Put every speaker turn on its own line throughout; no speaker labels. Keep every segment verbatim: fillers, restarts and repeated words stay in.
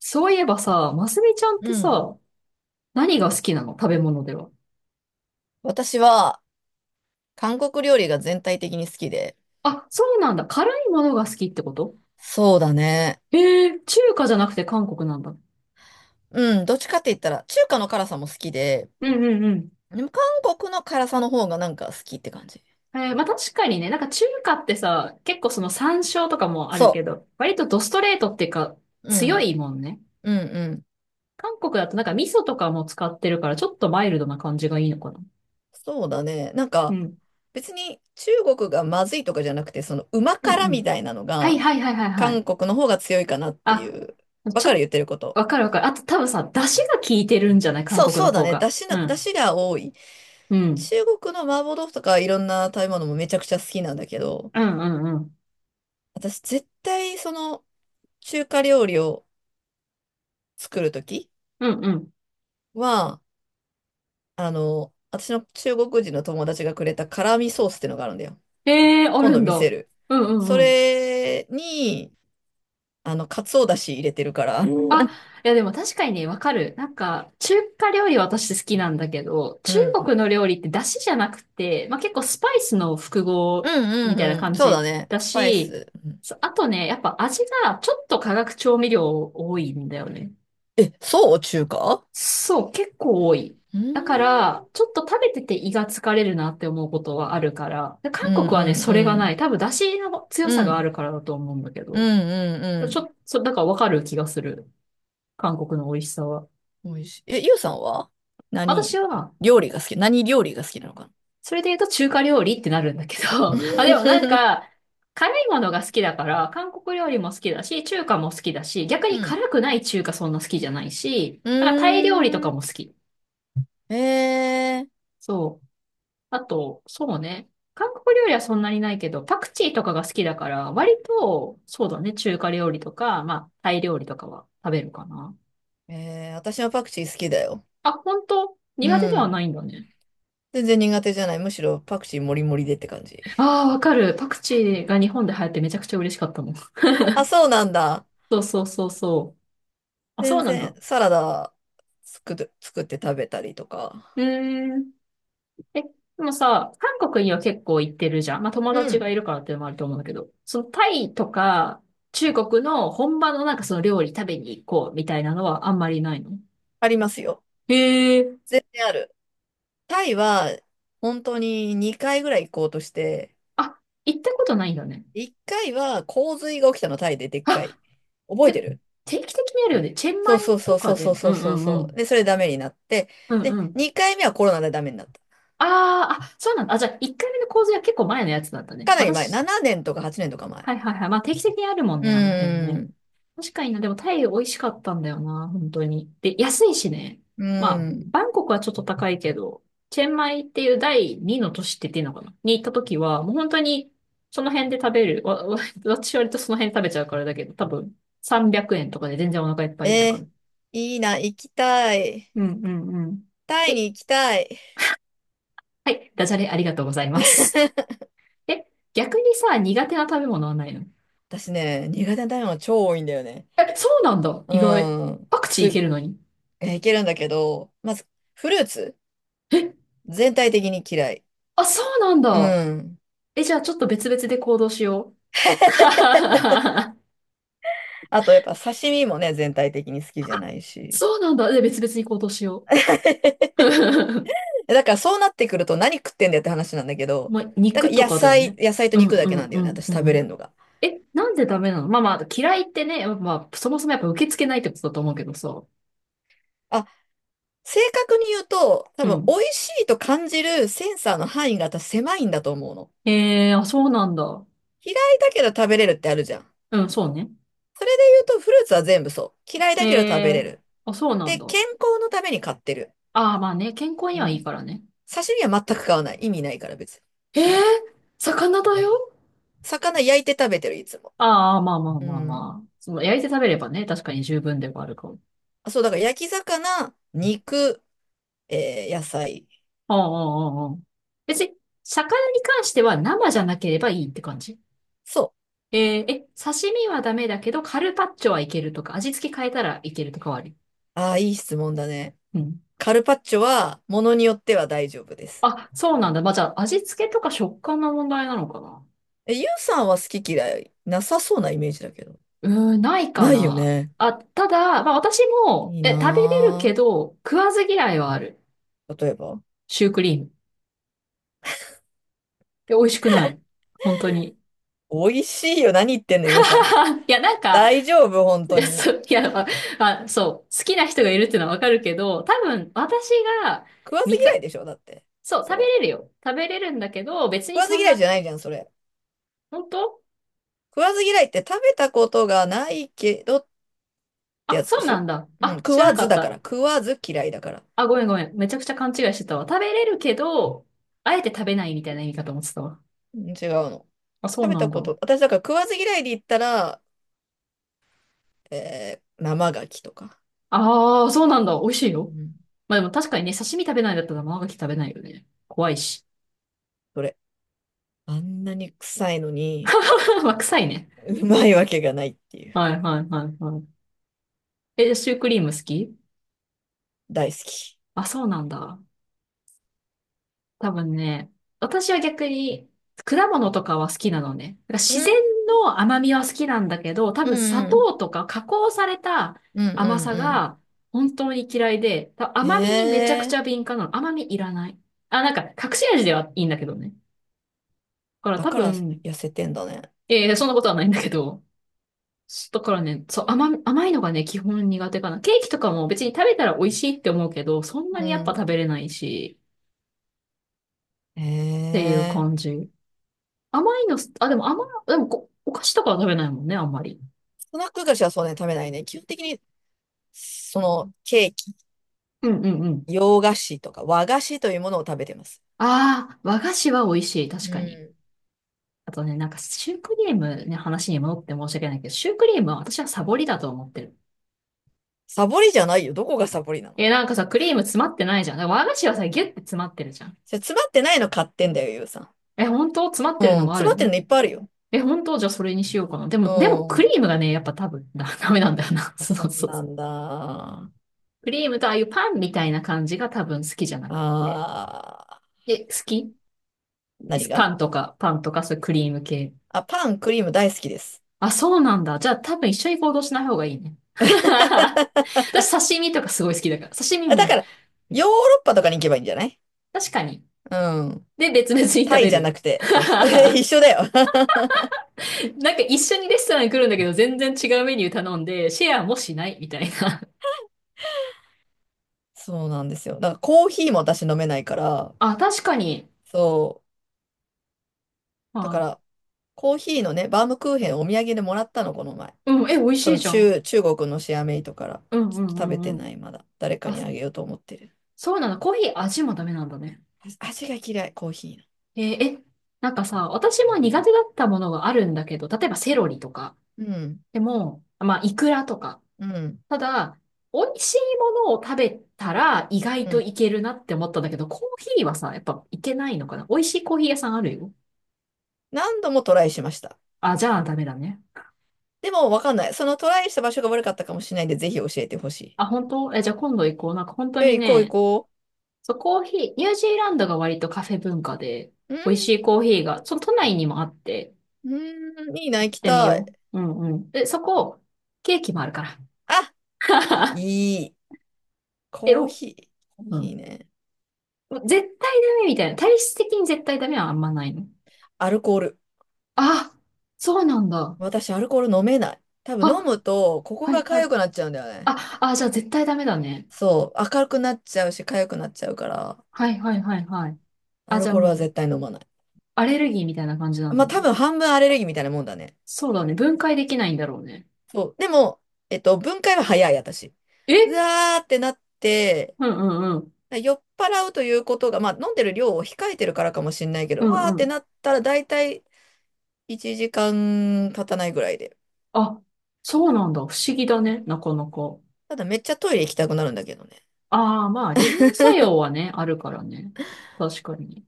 そういえばさ、ますみちゃんっ
う
て
ん。
さ、何が好きなの？食べ物では。
私は韓国料理が全体的に好きで。
あ、そうなんだ。辛いものが好きってこと？
そうだね。
ええー、中華じゃなくて韓国なんだ。
うん。どっちかって言ったら、中華の辛さも好きで、
うんうんうん。
でも韓国の辛さの方がなんか好きって感じ。
えー、まあ確かにね、なんか中華ってさ、結構その山椒とかもあるけ
そ
ど、割とドストレートっていうか、
う。う
強
ん。
いもんね。
うんうん。
韓国だとなんか味噌とかも使ってるから、ちょっとマイルドな感じがいいのかな。
そうだね。なん
う
か、
ん。
別に中国がまずいとかじゃなくて、その旨
うんう
辛み
ん。
たいなの
はい
が、
はいはいはいはい。
韓国の方が強いかなってい
あ、
う。わ
ち
かる、
ょっと、
言ってること。
わかるわかる。あと多分さ、出汁が効いてるんじゃない？韓
そう、
国の
そうだ
方
ね。
が。
出汁
う
の、出
ん。
汁が多い。
うん。
中国の麻婆豆腐とかいろんな食べ物もめちゃくちゃ好きなんだけど、
うんうんうん。
私絶対その中華料理を作るとき
うんうん。
は、あの、私の中国人の友達がくれた辛味ソースってのがあるんだよ。
ええー、あ
今
る
度
ん
見せ
だ。
る。
うんう
そ
んうん。
れに、あの、かつおだし入れてるから。うん。
あ、いやでも確かにね、わかる。なんか、中華料理私好きなんだけど、
う
中
ん
国の料理って出汁じゃなくて、まあ、結構スパイスの複
う
合みたいな
んうん。
感
そうだ
じ
ね。
だ
スパイ
し、
ス。うん。
そうあとね、やっぱ味がちょっと化学調味料多いんだよね。
え、そう、中華。
そう、結構多い。
う
だか
ん。
ら、ちょっと食べてて胃が疲れるなって思うことはあるから。で、
うん
韓国はね、それ
う
がない。
ん
多分、出汁の強
うん。
さ
う
があ
ん。
るからだと思うんだけ
うん
ど。
う
ち
ん
ょ、そ、だからわかる気がする。韓国の美味しさは。
うん。美味しい。え、ゆうさんは
私
何
は、
料理が好き何料理が好きなのかな？
それで言うと中華料理ってなるんだけど。あ、でもなんか、辛いものが好きだから、韓国料理も好きだし、中華も好きだし、逆
う
に
ん。
辛くない中華そんな好きじゃないし、
う
なんかタイ料理と
ー
か
ん。
も好き。
ええ。
そう。あと、そうね。韓国料理はそんなにないけど、パクチーとかが好きだから、割と、そうだね、中華料理とか、まあ、タイ料理とかは食べるかな。
えー、私はパクチー好きだよ。
あ、本当？
う
苦手では
ん。
ないんだね。
全然苦手じゃない。むしろパクチーもりもりでって感じ。
ああ、わかる。パクチーが日本で流行ってめちゃくちゃ嬉しかったもん。
あ、そうなんだ。
そうそうそうそう。あ、そう
全
なん
然
だ。
サラダ作る、作って食べたりと
う
か。
ーん。え、でもさ、韓国には結構行ってるじゃん。まあ、友
う
達がい
ん。
るからっていうのもあると思うんだけど、そのタイとか、中国の本場のなんかその料理食べに行こうみたいなのはあんまりないの？
ありますよ。
へえ、
全然ある。タイは本当ににかいぐらい行こうとして、
あ、行ったことないんだね。
いっかいは洪水が起きたの、タイででっかい。
あ、
覚え
て、
てる？
定期的にあるよね。チェン
そ
マイ
うそうそ
と
うそ
か
うそう
で。う
そう
んう
そう
んう
そう。
ん。
で、それダメになって、
うん
で、
うん。
にかいめはコロナでダメになった。
あーあ、そうなんだ。あ、じゃあ、いっかいめの洪水は結構前のやつだったね。
かなり前。
私、
ななねんとかはちねんとか前。
はいはいはい。まあ定期的にあるもん
う
ね、あの辺
ー
ね。
ん。
確かにな、でもタイ美味しかったんだよな、本当に。で、安いしね。
う
まあ、
ーん。
バンコクはちょっと高いけど、チェンマイっていう第二の都市って言っていいのかな？に行った時は、もう本当にその辺で食べる。わ、わ私割とその辺で食べちゃうからだけど、多分さんびゃくえんとかで全然お腹いっぱいとか。う
えー、
ん
いいな、行きたい。
うんうん。
タイ
え、
に行きたい。
はい、ダジャレありがとうございます。え、逆にさ、苦手な食べ物はないの？
私ね、苦手な食べ物超多いんだよね。
え、そうなんだ。
う
意外。
ーん。
パクチー
す、
いけるのに。
えー、いけるんだけど、まず、フルーツ全体的に嫌い。
あ、そうなん
う
だ。
ん。
え、じゃあちょっと別々で行動しよう。
あと、やっぱ刺身もね、全体的に好きじゃないし。
そうなんだ。で、別々に行動しよ う。
え、だからそうなってくると何食ってんだよって話なんだけど、
まあ、
だか
肉
ら
と
野
かだよ
菜、
ね。
野菜と
うん
肉だ
う
けな
ん
んだよね、私
う
食
んう
べれん
ん。
のが。
え、なんでダメなの？まあまあ、嫌いってね、まあ、そもそもやっぱ受け付けないってことだと思うけどさ。
あ、正確に言うと、多
う
分、美
ん。
味しいと感じるセンサーの範囲が私狭いんだと思うの。
えー、あ、そうなんだ。
嫌いだけど食べれるってあるじゃん。
うん、そうね。
それで言うと、フルーツは全部そう。嫌いだけど食べ
え
れ
ー、
る。
あ、そうなん
で、
だ。
健康のために買ってる。
ああ、まあね、健康に
う
はいい
ん。
からね。
刺身は全く買わない。意味ないから別に。
えー、
そんな。
魚だよ？
魚焼いて食べてる、いつも。
ああ、まあまあ
う
まあ
ん。
まあ。その、焼いて食べればね、確かに十分ではあるかも。
あ、そう、だから焼き魚、肉、えー野菜。
うんうんうんうん。別に、魚に関しては生じゃなければいいって感じ？
そ
えーえ、刺身はダメだけど、カルパッチョはいけるとか、味付け変えたらいけるとかはあり？
う。ああ、いい質問だね。
うん。
カルパッチョは、ものによっては大丈夫です。
あ、そうなんだ。まあ、じゃあ、味付けとか食感の問題なのかな？
え、ゆうさんは好き嫌いなさそうなイメージだけど。
うーん、ないか
ないよ
な。
ね。
あ、ただ、まあ、私も、
いい
え、食べれるけ
な
ど、食わず嫌いはある。
ぁ。例えば。
シュークリーム。え、美味しくない。本当に。
美味しいよ。何言ってんの、ゆうさん。
いや、なんか、
大丈夫、本
い
当
や、
に。
そう、いや、まあ、まあそう、好きな人がいるっていうのはわかるけど、多分、私が、
食わず
み
嫌
か、
いでしょ、だって。
そう、
そ
食べ
れ。
れるよ。食べれるんだけど、別
食
に
わず
そん
嫌いじ
な、
ゃないじゃん、それ。
本当？
食わず嫌いって食べたことがないけどって
あ、
やつ
そ
で
う
し
な
ょ？
んだ。
うん。
あ、
食
知ら
わ
なか
ず
っ
だから。
た。
食わず嫌いだから。
あ、ごめんごめん。めちゃくちゃ勘違いしてたわ。食べれるけど、あえて食べないみたいな意味かと思ってたわ。
うん違うの。
あ、そ
食
う
べ
な
た
んだ。
こと。私だから食わず嫌いで言ったら、えー、生牡蠣とか。
ああ、そうなんだ。美味しいよ。
うん。
まあでも確かにね、刺身食べないんだったら生牡蠣食べないよね。怖いし。
それ。あんなに臭いのに。
まあ、臭いね。
うまいわけがないっていう。
はいはいはいはい。え、シュークリーム好き？
大好き。
あ、そうなんだ。多分ね、私は逆に果物とかは好きなのね。だから
う
自然
ん、
の甘みは好きなんだけど、多
う
分砂
ん、
糖とか加工された
うん、うん、う
甘さ
んう
が本当に嫌いで、多分
ん。へ
甘みにめちゃくち
え。
ゃ敏感なの。甘みいらない。あ、なんか隠し味ではいいんだけどね。だから
だ
多
から
分、
痩せてんだね。
えーそんなことはないんだけど、だからね、そう、甘、甘いのがね、基本苦手かな。ケーキとかも別に食べたら美味しいって思うけど、そんな
うん、
にやっぱ食
う
べれないし、
ん。
っ
へ
ていう感
え。
じ。甘いのす、あ、でも甘い、でもこ、お菓子とかは食べないもんね、あんまり。
スナック菓子はそうね、食べないね。基本的に、その、ケーキ、
うんうんうん。
洋菓子とか和菓子というものを食べてます。
ああ、和菓子は美味しい、
う
確かに。
ん。
あとね、なんかシュークリームね、話に戻って申し訳ないけど、シュークリームは私はサボりだと思ってる。
サボりじゃないよ。どこがサボりなの？
え、なんかさ、クリーム詰まってないじゃん。だから和菓子はさ、ギュッて詰まってるじゃん。
それ詰まってないの買ってんだよ、ゆうさん。
え、本当？詰まっ
う
てるの
ん、
もあ
詰
る
まってる
の？
のいっぱいあるよ。
え、本当？じゃあそれにしようかな。で
う
も、でもク
ん。
リームがね、やっぱ多分、だ、ダメなんだよな。
あ、
そうそう
そう
そう。
なんだ。あ
クリームとああいうパンみたいな感じが多分好きじゃなくて。
あ、
え、好き？
何が？
パンとか、パンとか、そういうクリーム系。
あ、パン、クリーム大好きです。
あ、そうなんだ。じゃあ多分一緒に行動しない方がいいね。私刺身とかすごい好きだから。刺身
あ、だ
も、
から、ヨーロッパとかに行けばいいんじゃない？
確かに。
うん。
で、別々に食
タイ
べ
じゃな
る。
くて、そう そう。一
な
緒だよ。
んか一緒にレストランに来るんだけど、全然違うメニュー頼んで、シェアもしないみたいな。
そうなんですよ。だからコーヒーも私飲めないから、
あ、確かに。
そう。
ま
だか
あ、
ら、コーヒーのね、バームクーヘンお土産でもらったの、この前。
うん、え、美味し
そ
い
の
じゃん。
中、中国のシェアメイトから。
うん
ち
う
ょっ
ん
と
う
食べ
ん
て
うん。
ない、まだ。誰か
あ、
にあげようと思ってる。
そうなんだ。コーヒー味もダメなんだね。
あ、味が嫌い、コーヒ
えーえ、なんかさ、私も苦手だったものがあるんだけど、例えばセロリとか。
ーの。うん、
でも、まあ、イクラとか。
うん、
ただ、美味しいものを食べたら意外
う
と
ん。
いけるなって思ったんだけど、コーヒーはさ、やっぱいけないのかな？美味しいコーヒー屋さんあるよ。
何度もトライしました。
あ、じゃあダメだね。
でも、わかんない。そのトライした場所が悪かったかもしれないんで、ぜひ教えてほしい。
あ、本当？え、じゃあ今度行こう。なんか本当
え、
に
行こう行
ね、
こ
そう、コーヒー、ニュージーランドが割とカフェ文化で、美味し
う。
いコーヒーが、その都内にもあって、
うん、うん、いいな、
行っ
行き
てみ
たい。
よう。うんうん。でそこ、ケーキもあるか
あ、
ら。
いい。
え、
コー
お、
ヒー。コー
う
ヒー
ん。
ね。
絶対ダメみたいな。体質的に絶対ダメはあんまないの？
アルコール。
あ、そうなんだ。
私、アルコール飲めない。多分飲
あ、
むと、ここ
は
が
いは
痒
い。
くなっちゃうんだよね。
あ、あ、じゃあ絶対ダメだね。
そう。明るくなっちゃうし、痒くなっちゃうから、
はいはいはいはい。
ア
あ、じ
ル
ゃあ
コールは
もう、
絶対飲まない。
アレルギーみたいな感じなんだ
まあ、多
ね。
分半分アレルギーみたいなもんだね。
そうだね。分解できないんだろうね。
そう。でも、えっと、分解は早い、私。う
え？
わーってなって、
うんうんうん。
酔っ払うということが、まあ、飲んでる量を控えてるからかもしれないけ
う
ど、うわーっ
んう
て
ん。
なったら、大体、いちじかん経たないぐらいで。
あ、そうなんだ。不思議だね。なかなか。
ただめっちゃトイレ行きたくなるんだけどね。
ああ、まあ、利尿作用はね、あるからね。確かに。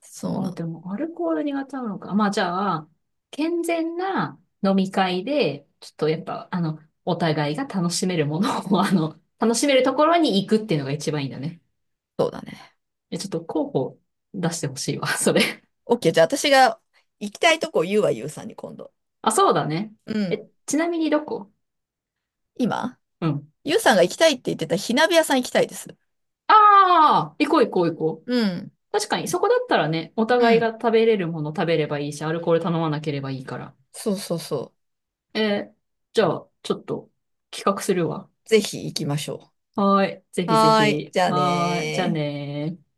そう
あ
な
あ、
の。
でも、アルコール苦手なのか。まあ、じゃあ、健全な飲み会で、ちょっとやっぱ、あの、お互いが楽しめるものを、あの、楽しめるところに行くっていうのが一番いいんだね。
そうだね。
え、ちょっと候補出してほしいわ、それ。
オーケー。じゃあ私が行きたいとこ言うわ、ゆうさんに今度。
あ、そうだね。
う
え、
ん。
ちなみにどこ？
今
うん。
ゆうさんが行きたいって言ってた火鍋屋さん行きたいです。
ああ、行こう行こう行こ
う
う。
ん。
確かに、そこだったらね、お
う
互いが
ん。
食べれるもの食べればいいし、アルコール頼まなければいいから。
そうそうそ
えー、じゃあ、ちょっと企画するわ。
う。ぜひ行きましょ
はーい。ぜ
う。
ひぜ
はーい。
ひ。
じゃあ
はーい。じゃあ
ねー。
ねー。